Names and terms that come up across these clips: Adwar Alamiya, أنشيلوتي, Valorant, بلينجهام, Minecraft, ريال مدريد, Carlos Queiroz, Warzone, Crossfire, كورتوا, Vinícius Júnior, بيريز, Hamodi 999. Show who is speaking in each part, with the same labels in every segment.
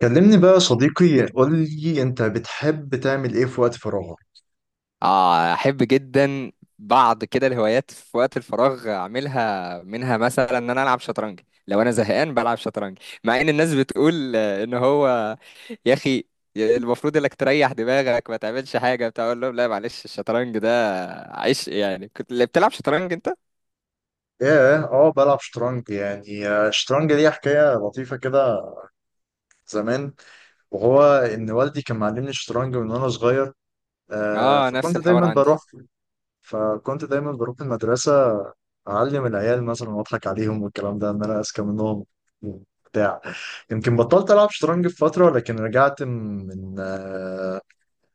Speaker 1: كلمني بقى يا صديقي، قول لي انت بتحب تعمل ايه في وقت فراغك؟
Speaker 2: اه، احب جدا. بعض كده الهوايات في وقت الفراغ اعملها، منها مثلا ان انا العب شطرنج. لو انا زهقان بلعب شطرنج. مع ان الناس بتقول ان هو، يا اخي، المفروض انك تريح دماغك ما تعملش حاجه بتاع. اقول لهم لا، معلش الشطرنج ده عيش. يعني كنت اللي بتلعب شطرنج انت؟
Speaker 1: ايه، اه بلعب شطرنج يعني. الشطرنج ليه حكايه لطيفه كده زمان. وهو ان والدي كان معلمني الشطرنج من وانا صغير. آه،
Speaker 2: اه، نفس الحوار عندي.
Speaker 1: فكنت دايما بروح المدرسه، اعلم العيال مثلا واضحك عليهم والكلام ده، ان انا اذكى منهم بتاع. يمكن بطلت العب شطرنج في فتره، لكن رجعت من آه،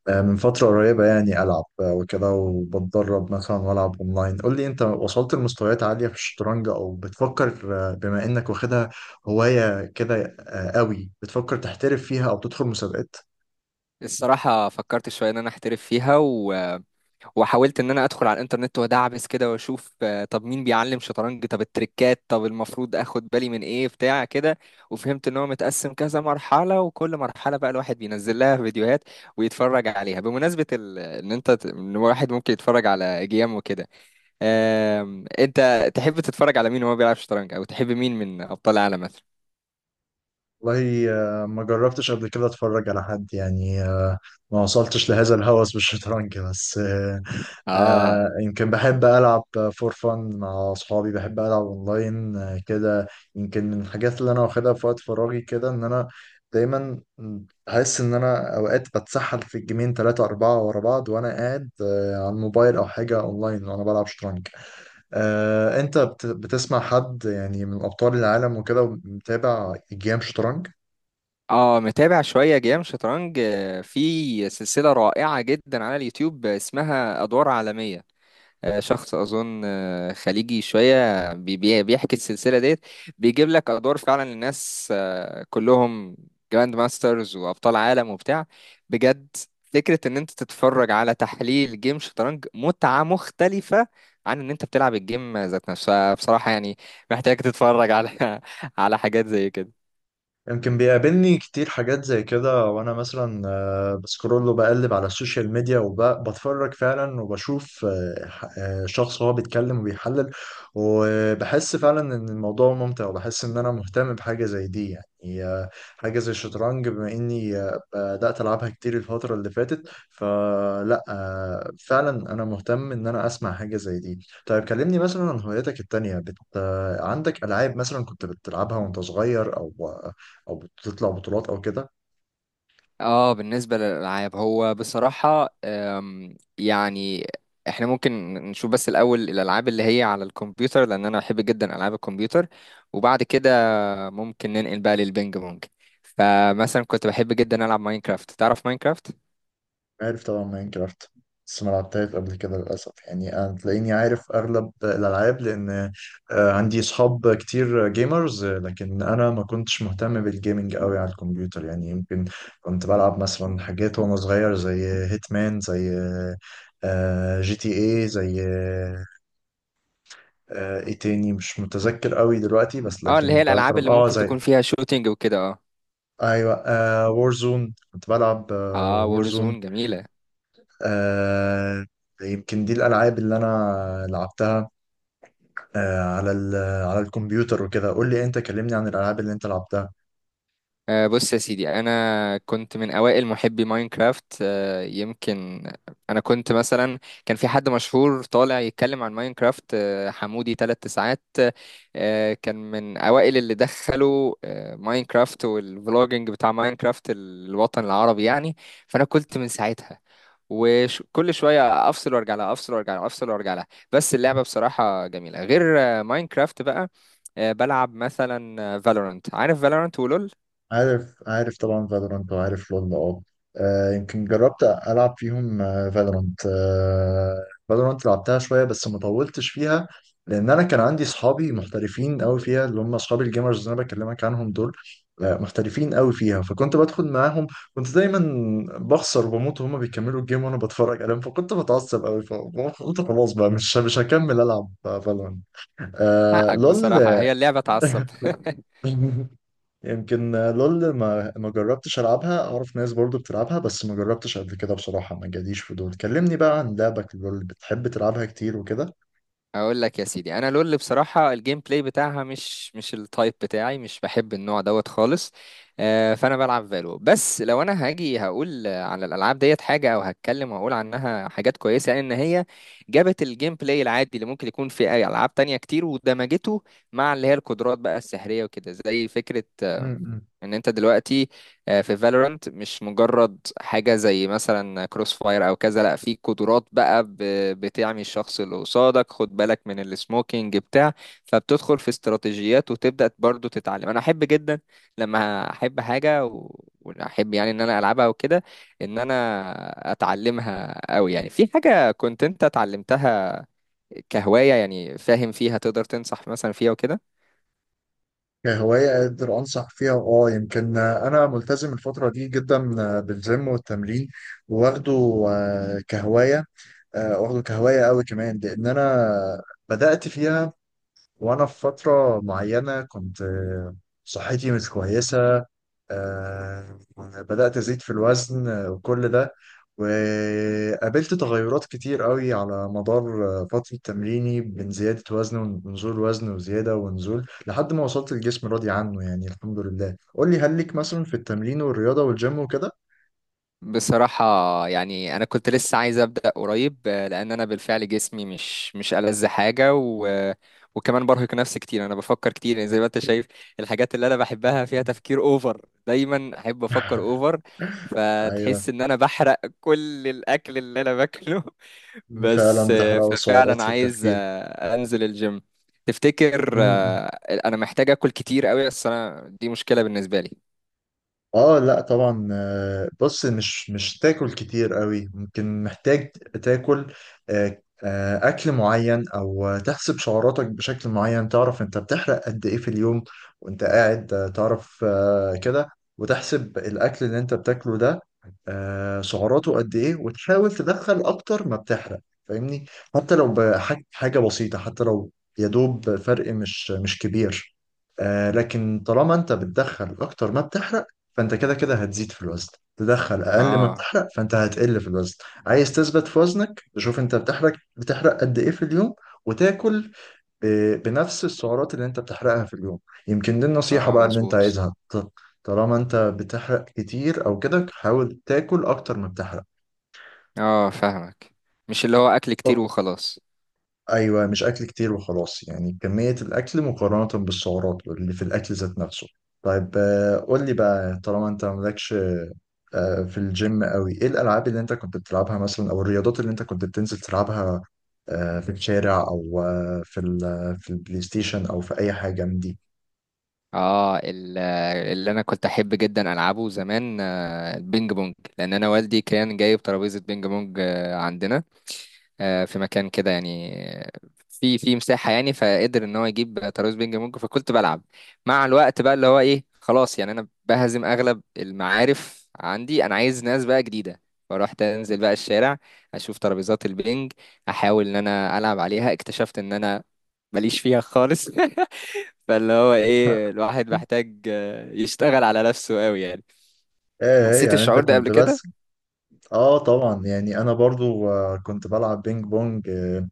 Speaker 1: آه، من فترة قريبة يعني ألعب، وكده، وبتدرب مثلا وألعب أونلاين. قول لي أنت وصلت لمستويات عالية في الشطرنج أو بتفكر، بما إنك واخدها هواية كده قوي، بتفكر تحترف فيها أو تدخل مسابقات؟
Speaker 2: الصراحه فكرت شويه ان انا احترف فيها وحاولت ان انا ادخل على الانترنت وادعبس كده واشوف. طب مين بيعلم شطرنج، طب التريكات، طب المفروض اخد بالي من ايه بتاع كده. وفهمت ان هو متقسم كذا مرحلة، وكل مرحلة بقى الواحد بينزل لها فيديوهات ويتفرج عليها. بمناسبة ال... ان انت ت- ان الواحد ممكن يتفرج على جيم وكده. انت تحب تتفرج على مين وهو بيلعب شطرنج، او تحب مين من ابطال العالم مثلا؟
Speaker 1: والله ما جربتش قبل كده أتفرج على حد يعني. ما وصلتش لهذا الهوس بالشطرنج، بس
Speaker 2: اه،
Speaker 1: يمكن بحب ألعب فور فن مع أصحابي، بحب ألعب أونلاين آه كده. يمكن من الحاجات اللي أنا واخدها في وقت فراغي كده، إن أنا دايما أحس إن أنا أوقات بتسحل في الجيمين تلاتة أربعة ورا بعض، وأنا قاعد على الموبايل أو حاجة أونلاين، وأنا بلعب شطرنج. آه، بتسمع حد يعني من أبطال العالم وكده، متابع جيم شطرنج؟
Speaker 2: اه، متابع شوية جيم شطرنج. في سلسلة رائعة جدا على اليوتيوب اسمها أدوار عالمية. شخص اظن خليجي شويه بيحكي السلسله ديت. بيجيب لك ادوار فعلا الناس كلهم جراند ماسترز وابطال عالم وبتاع. بجد فكره ان انت تتفرج على تحليل جيم شطرنج متعه مختلفه عن ان انت بتلعب الجيم ذات نفسها بصراحه يعني. محتاج تتفرج على على حاجات زي كده.
Speaker 1: يمكن بيقابلني كتير حاجات زي كده، وانا مثلا بسكرول وبقلب على السوشيال ميديا وبتفرج فعلا، وبشوف شخص وهو بيتكلم وبيحلل، وبحس فعلا ان الموضوع ممتع، وبحس ان انا مهتم بحاجة زي دي يعني. حاجة زي الشطرنج، بما اني بدأت العبها كتير الفترة اللي فاتت، فلا فعلا انا مهتم ان انا اسمع حاجة زي دي. طيب كلمني مثلا عن هواياتك التانية، بت... آه، عندك ألعاب مثلا كنت بتلعبها وانت صغير، او او بتطلع بطولات او كده؟
Speaker 2: اه، بالنسبة للألعاب هو بصراحة يعني احنا ممكن نشوف بس الأول الألعاب اللي هي على الكمبيوتر، لأن أنا بحب جدا ألعاب الكمبيوتر. وبعد كده ممكن ننقل بقى للبينج بونج. فمثلا كنت بحب جدا ألعب ماينكرافت. تعرف ماينكرافت؟
Speaker 1: عارف طبعا ماين كرافت، بس ما لعبتهاش قبل كده للاسف. يعني انا تلاقيني عارف اغلب الالعاب، لان عندي اصحاب كتير جيمرز، لكن انا ما كنتش مهتم بالجيمنج قوي على الكمبيوتر يعني. يمكن كنت بلعب مثلا حاجات وانا صغير زي هيتمان، زي جي تي اي، زي ايه تاني مش متذكر قوي دلوقتي، بس
Speaker 2: اه، اللي
Speaker 1: لكن
Speaker 2: هي الألعاب
Speaker 1: بطلب
Speaker 2: اللي
Speaker 1: اه
Speaker 2: ممكن
Speaker 1: زي،
Speaker 2: تكون فيها شوتينج وكده. اه،
Speaker 1: ايوه وورزون كنت بلعب.
Speaker 2: اه،
Speaker 1: وورزون
Speaker 2: وورزون جميلة.
Speaker 1: آه. يمكن دي الألعاب اللي أنا لعبتها على الكمبيوتر وكده. قول لي أنت، كلمني عن الألعاب اللي أنت لعبتها.
Speaker 2: بص يا سيدي انا كنت من اوائل محبي ماينكرافت. يمكن انا كنت مثلا، كان في حد مشهور طالع يتكلم عن ماينكرافت، حمودي 999. كان من اوائل اللي دخلوا ماينكرافت والفلوجينج بتاع ماينكرافت الوطن العربي يعني. فانا كنت من ساعتها، وكل شويه افصل وارجع لها، افصل وارجع لها، افصل وارجع لها. بس اللعبه بصراحه جميله. غير ماينكرافت بقى، بلعب مثلا فالورانت. عارف فالورانت ولول؟
Speaker 1: عارف طبعا فالورانت، وعارف لول، اه. يمكن جربت العب فيهم. فالورانت، فالورانت لعبتها شويه بس ما طولتش فيها، لان انا كان عندي اصحابي محترفين قوي فيها، اللي هم اصحابي الجيمرز اللي انا بكلمك عنهم دول. محترفين قوي فيها، فكنت بدخل معاهم. كنت دايما بخسر وبموت، وهم بيكملوا الجيم وانا بتفرج عليهم، فكنت بتعصب قوي، فقلت خلاص بقى مش هكمل العب فالورانت. آه
Speaker 2: حقك
Speaker 1: لول.
Speaker 2: بصراحة، هي اللعبة تعصب.
Speaker 1: يمكن لول ما جربتش العبها، اعرف ناس برضو بتلعبها، بس ما جربتش قبل كده بصراحة، ما جاليش فضول. كلمني بقى عن لعبك لول، بتحب تلعبها كتير وكده؟
Speaker 2: اقول لك يا سيدي، انا لول بصراحه الجيم بلاي بتاعها مش التايب بتاعي، مش بحب النوع دوت خالص. فانا بلعب فالو. بس لو انا هاجي هقول على الالعاب ديت حاجه او هتكلم واقول عنها حاجات كويسه، يعني ان هي جابت الجيم بلاي العادي اللي ممكن يكون في اي العاب تانية كتير ودمجته مع اللي هي القدرات بقى السحريه وكده. زي فكره
Speaker 1: م-
Speaker 2: ان انت دلوقتي في فالورانت مش مجرد حاجه زي مثلا كروس فاير او كذا، لا في قدرات بقى بتعمي الشخص اللي قصادك. خد بالك من السموكينج بتاع. فبتدخل في استراتيجيات وتبدا برضو تتعلم. انا احب جدا لما احب حاجه واحب يعني ان انا العبها وكده، ان انا اتعلمها قوي. يعني في حاجه كنت انت اتعلمتها كهوايه يعني فاهم فيها، تقدر تنصح مثلا فيها وكده؟
Speaker 1: كهواية أقدر أنصح فيها، أه. يمكن أنا ملتزم الفترة دي جدا بالجيم والتمرين، واخده كهواية، واخده كهواية أوي كمان، لأن أنا بدأت فيها وأنا في فترة معينة كنت صحتي مش كويسة. آه، بدأت أزيد في الوزن، وكل ده، وقابلت تغيرات كتير قوي على مدار فترة تمريني، بين زيادة وزن ونزول وزن، وزيادة ونزول، لحد ما وصلت الجسم راضي عنه يعني، الحمد لله. قول لي هل ليك مثلا في التمرين والرياضة والجيم وكده؟
Speaker 2: بصراحة يعني أنا كنت لسه عايز أبدأ قريب، لأن أنا بالفعل جسمي مش ألذ حاجة و... آه، وكمان برهق نفسي كتير. أنا بفكر كتير يعني زي ما أنت شايف. الحاجات اللي أنا بحبها فيها تفكير أوفر، دايما أحب أفكر أوفر.
Speaker 1: أيوه،
Speaker 2: فتحس إن أنا بحرق كل الأكل اللي أنا باكله.
Speaker 1: فعلا
Speaker 2: بس
Speaker 1: بتحرق سعرات
Speaker 2: ففعلا
Speaker 1: في
Speaker 2: عايز
Speaker 1: التفكير.
Speaker 2: أنزل الجيم. تفتكر أنا محتاج أكل كتير أوي؟ بس أنا دي مشكلة بالنسبة لي.
Speaker 1: اه لا طبعا. بص، مش تاكل كتير قوي. ممكن محتاج تاكل اكل معين، او تحسب سعراتك بشكل معين. تعرف انت بتحرق قد ايه في اليوم وانت قاعد، تعرف كده، وتحسب الاكل اللي انت بتاكله ده سعراته قد ايه، وتحاول تدخل اكتر ما بتحرق، فاهمني؟ حتى لو بحاجة حاجة بسيطة، حتى لو يا دوب فرق مش كبير. آه، لكن طالما انت بتدخل اكتر ما بتحرق، فانت كده كده هتزيد في الوزن. تدخل اقل ما
Speaker 2: آه،
Speaker 1: بتحرق، فانت هتقل في الوزن. عايز تثبت في وزنك، تشوف انت بتحرق قد ايه في اليوم، وتاكل بنفس السعرات اللي انت بتحرقها في اليوم. يمكن دي النصيحة
Speaker 2: آه،
Speaker 1: بقى اللي انت
Speaker 2: مظبوط.
Speaker 1: عايزها. طالما انت بتحرق كتير او كده، حاول تاكل اكتر ما بتحرق.
Speaker 2: اه، فاهمك. مش اللي هو اكل كتير
Speaker 1: أو-
Speaker 2: وخلاص.
Speaker 1: ايوه، مش اكل كتير وخلاص، يعني كمية الاكل مقارنة بالسعرات اللي في الاكل ذات نفسه. طيب قول لي بقى، طالما انت مالكش في الجيم قوي، ايه الالعاب اللي انت كنت بتلعبها مثلا، او الرياضات اللي انت كنت بتنزل تلعبها في الشارع، او في البلاي ستيشن، او في اي حاجه من دي؟
Speaker 2: اه، اللي انا كنت احب جدا العبه زمان البينج بونج، لان انا والدي كان جايب ترابيزه بينج بونج عندنا في مكان كده يعني، آه، في مساحة يعني، فقدر ان هو يجيب ترابيز بينج بونج فكنت بلعب. مع الوقت بقى اللي هو ايه، خلاص يعني انا بهزم اغلب المعارف عندي، انا عايز ناس بقى جديدة. فروحت انزل بقى الشارع اشوف ترابيزات البينج، احاول ان انا العب عليها. اكتشفت ان انا ماليش فيها خالص. فاللي هو ايه، الواحد محتاج يشتغل على نفسه قوي يعني.
Speaker 1: ايه إيه،
Speaker 2: حسيت
Speaker 1: يعني انت
Speaker 2: الشعور ده قبل
Speaker 1: كنت بس.
Speaker 2: كده؟
Speaker 1: اه طبعا، يعني انا برضو كنت بلعب بينج بونج، آه،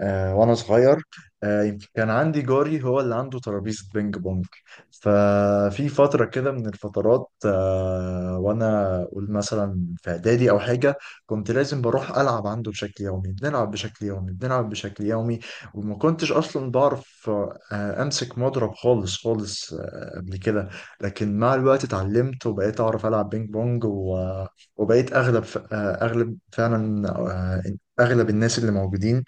Speaker 1: آه، وانا صغير. يمكن كان عندي جاري هو اللي عنده ترابيزه بينج بونج، ففي فتره كده من الفترات وانا اقول مثلا في اعدادي او حاجه، كنت لازم بروح العب عنده بشكل يومي، بنلعب بشكل يومي، بنلعب بشكل يومي. وما كنتش اصلا بعرف امسك مضرب خالص قبل كده. لكن مع الوقت اتعلمت، وبقيت اعرف العب بينج بونج، وبقيت اغلب ف- آه، اغلب فعلا آه، اغلب الناس اللي موجودين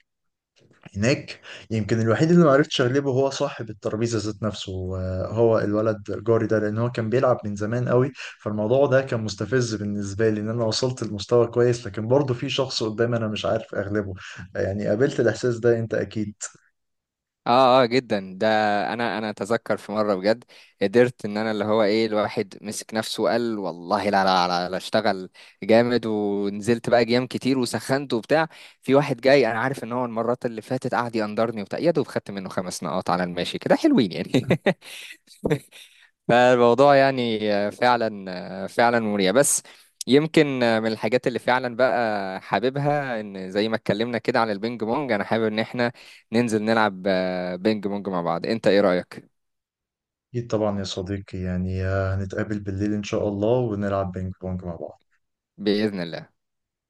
Speaker 1: هناك. يمكن الوحيد اللي ما عرفتش اغلبه هو صاحب الترابيزه ذات نفسه، هو الولد جاري ده، لان هو كان بيلعب من زمان قوي. فالموضوع ده كان مستفز بالنسبه لي، ان انا وصلت لمستوى كويس لكن برضه في شخص قدامي انا مش عارف اغلبه. يعني قابلت الاحساس ده انت اكيد.
Speaker 2: اه، اه، جدا ده. انا اتذكر في مره بجد قدرت ان انا اللي هو ايه الواحد مسك نفسه وقال والله لا، لا، لا، لا اشتغل جامد. ونزلت بقى جيام كتير وسخنت وبتاع. في واحد جاي انا عارف ان هو المرات اللي فاتت قعد يقندرني وبتاع، يا دوب خدت منه 5 نقاط على الماشي كده حلوين يعني. فالموضوع يعني فعلا فعلا مريع. بس يمكن من الحاجات اللي فعلا بقى حاببها، ان زي ما اتكلمنا كده عن البينج بونج، انا حابب ان احنا ننزل نلعب بينج بونج مع بعض. انت ايه رأيك؟
Speaker 1: اكيد طبعا يا صديقي. يعني هنتقابل بالليل ان شاء الله، ونلعب بينج بونج مع بعض.
Speaker 2: بإذن الله.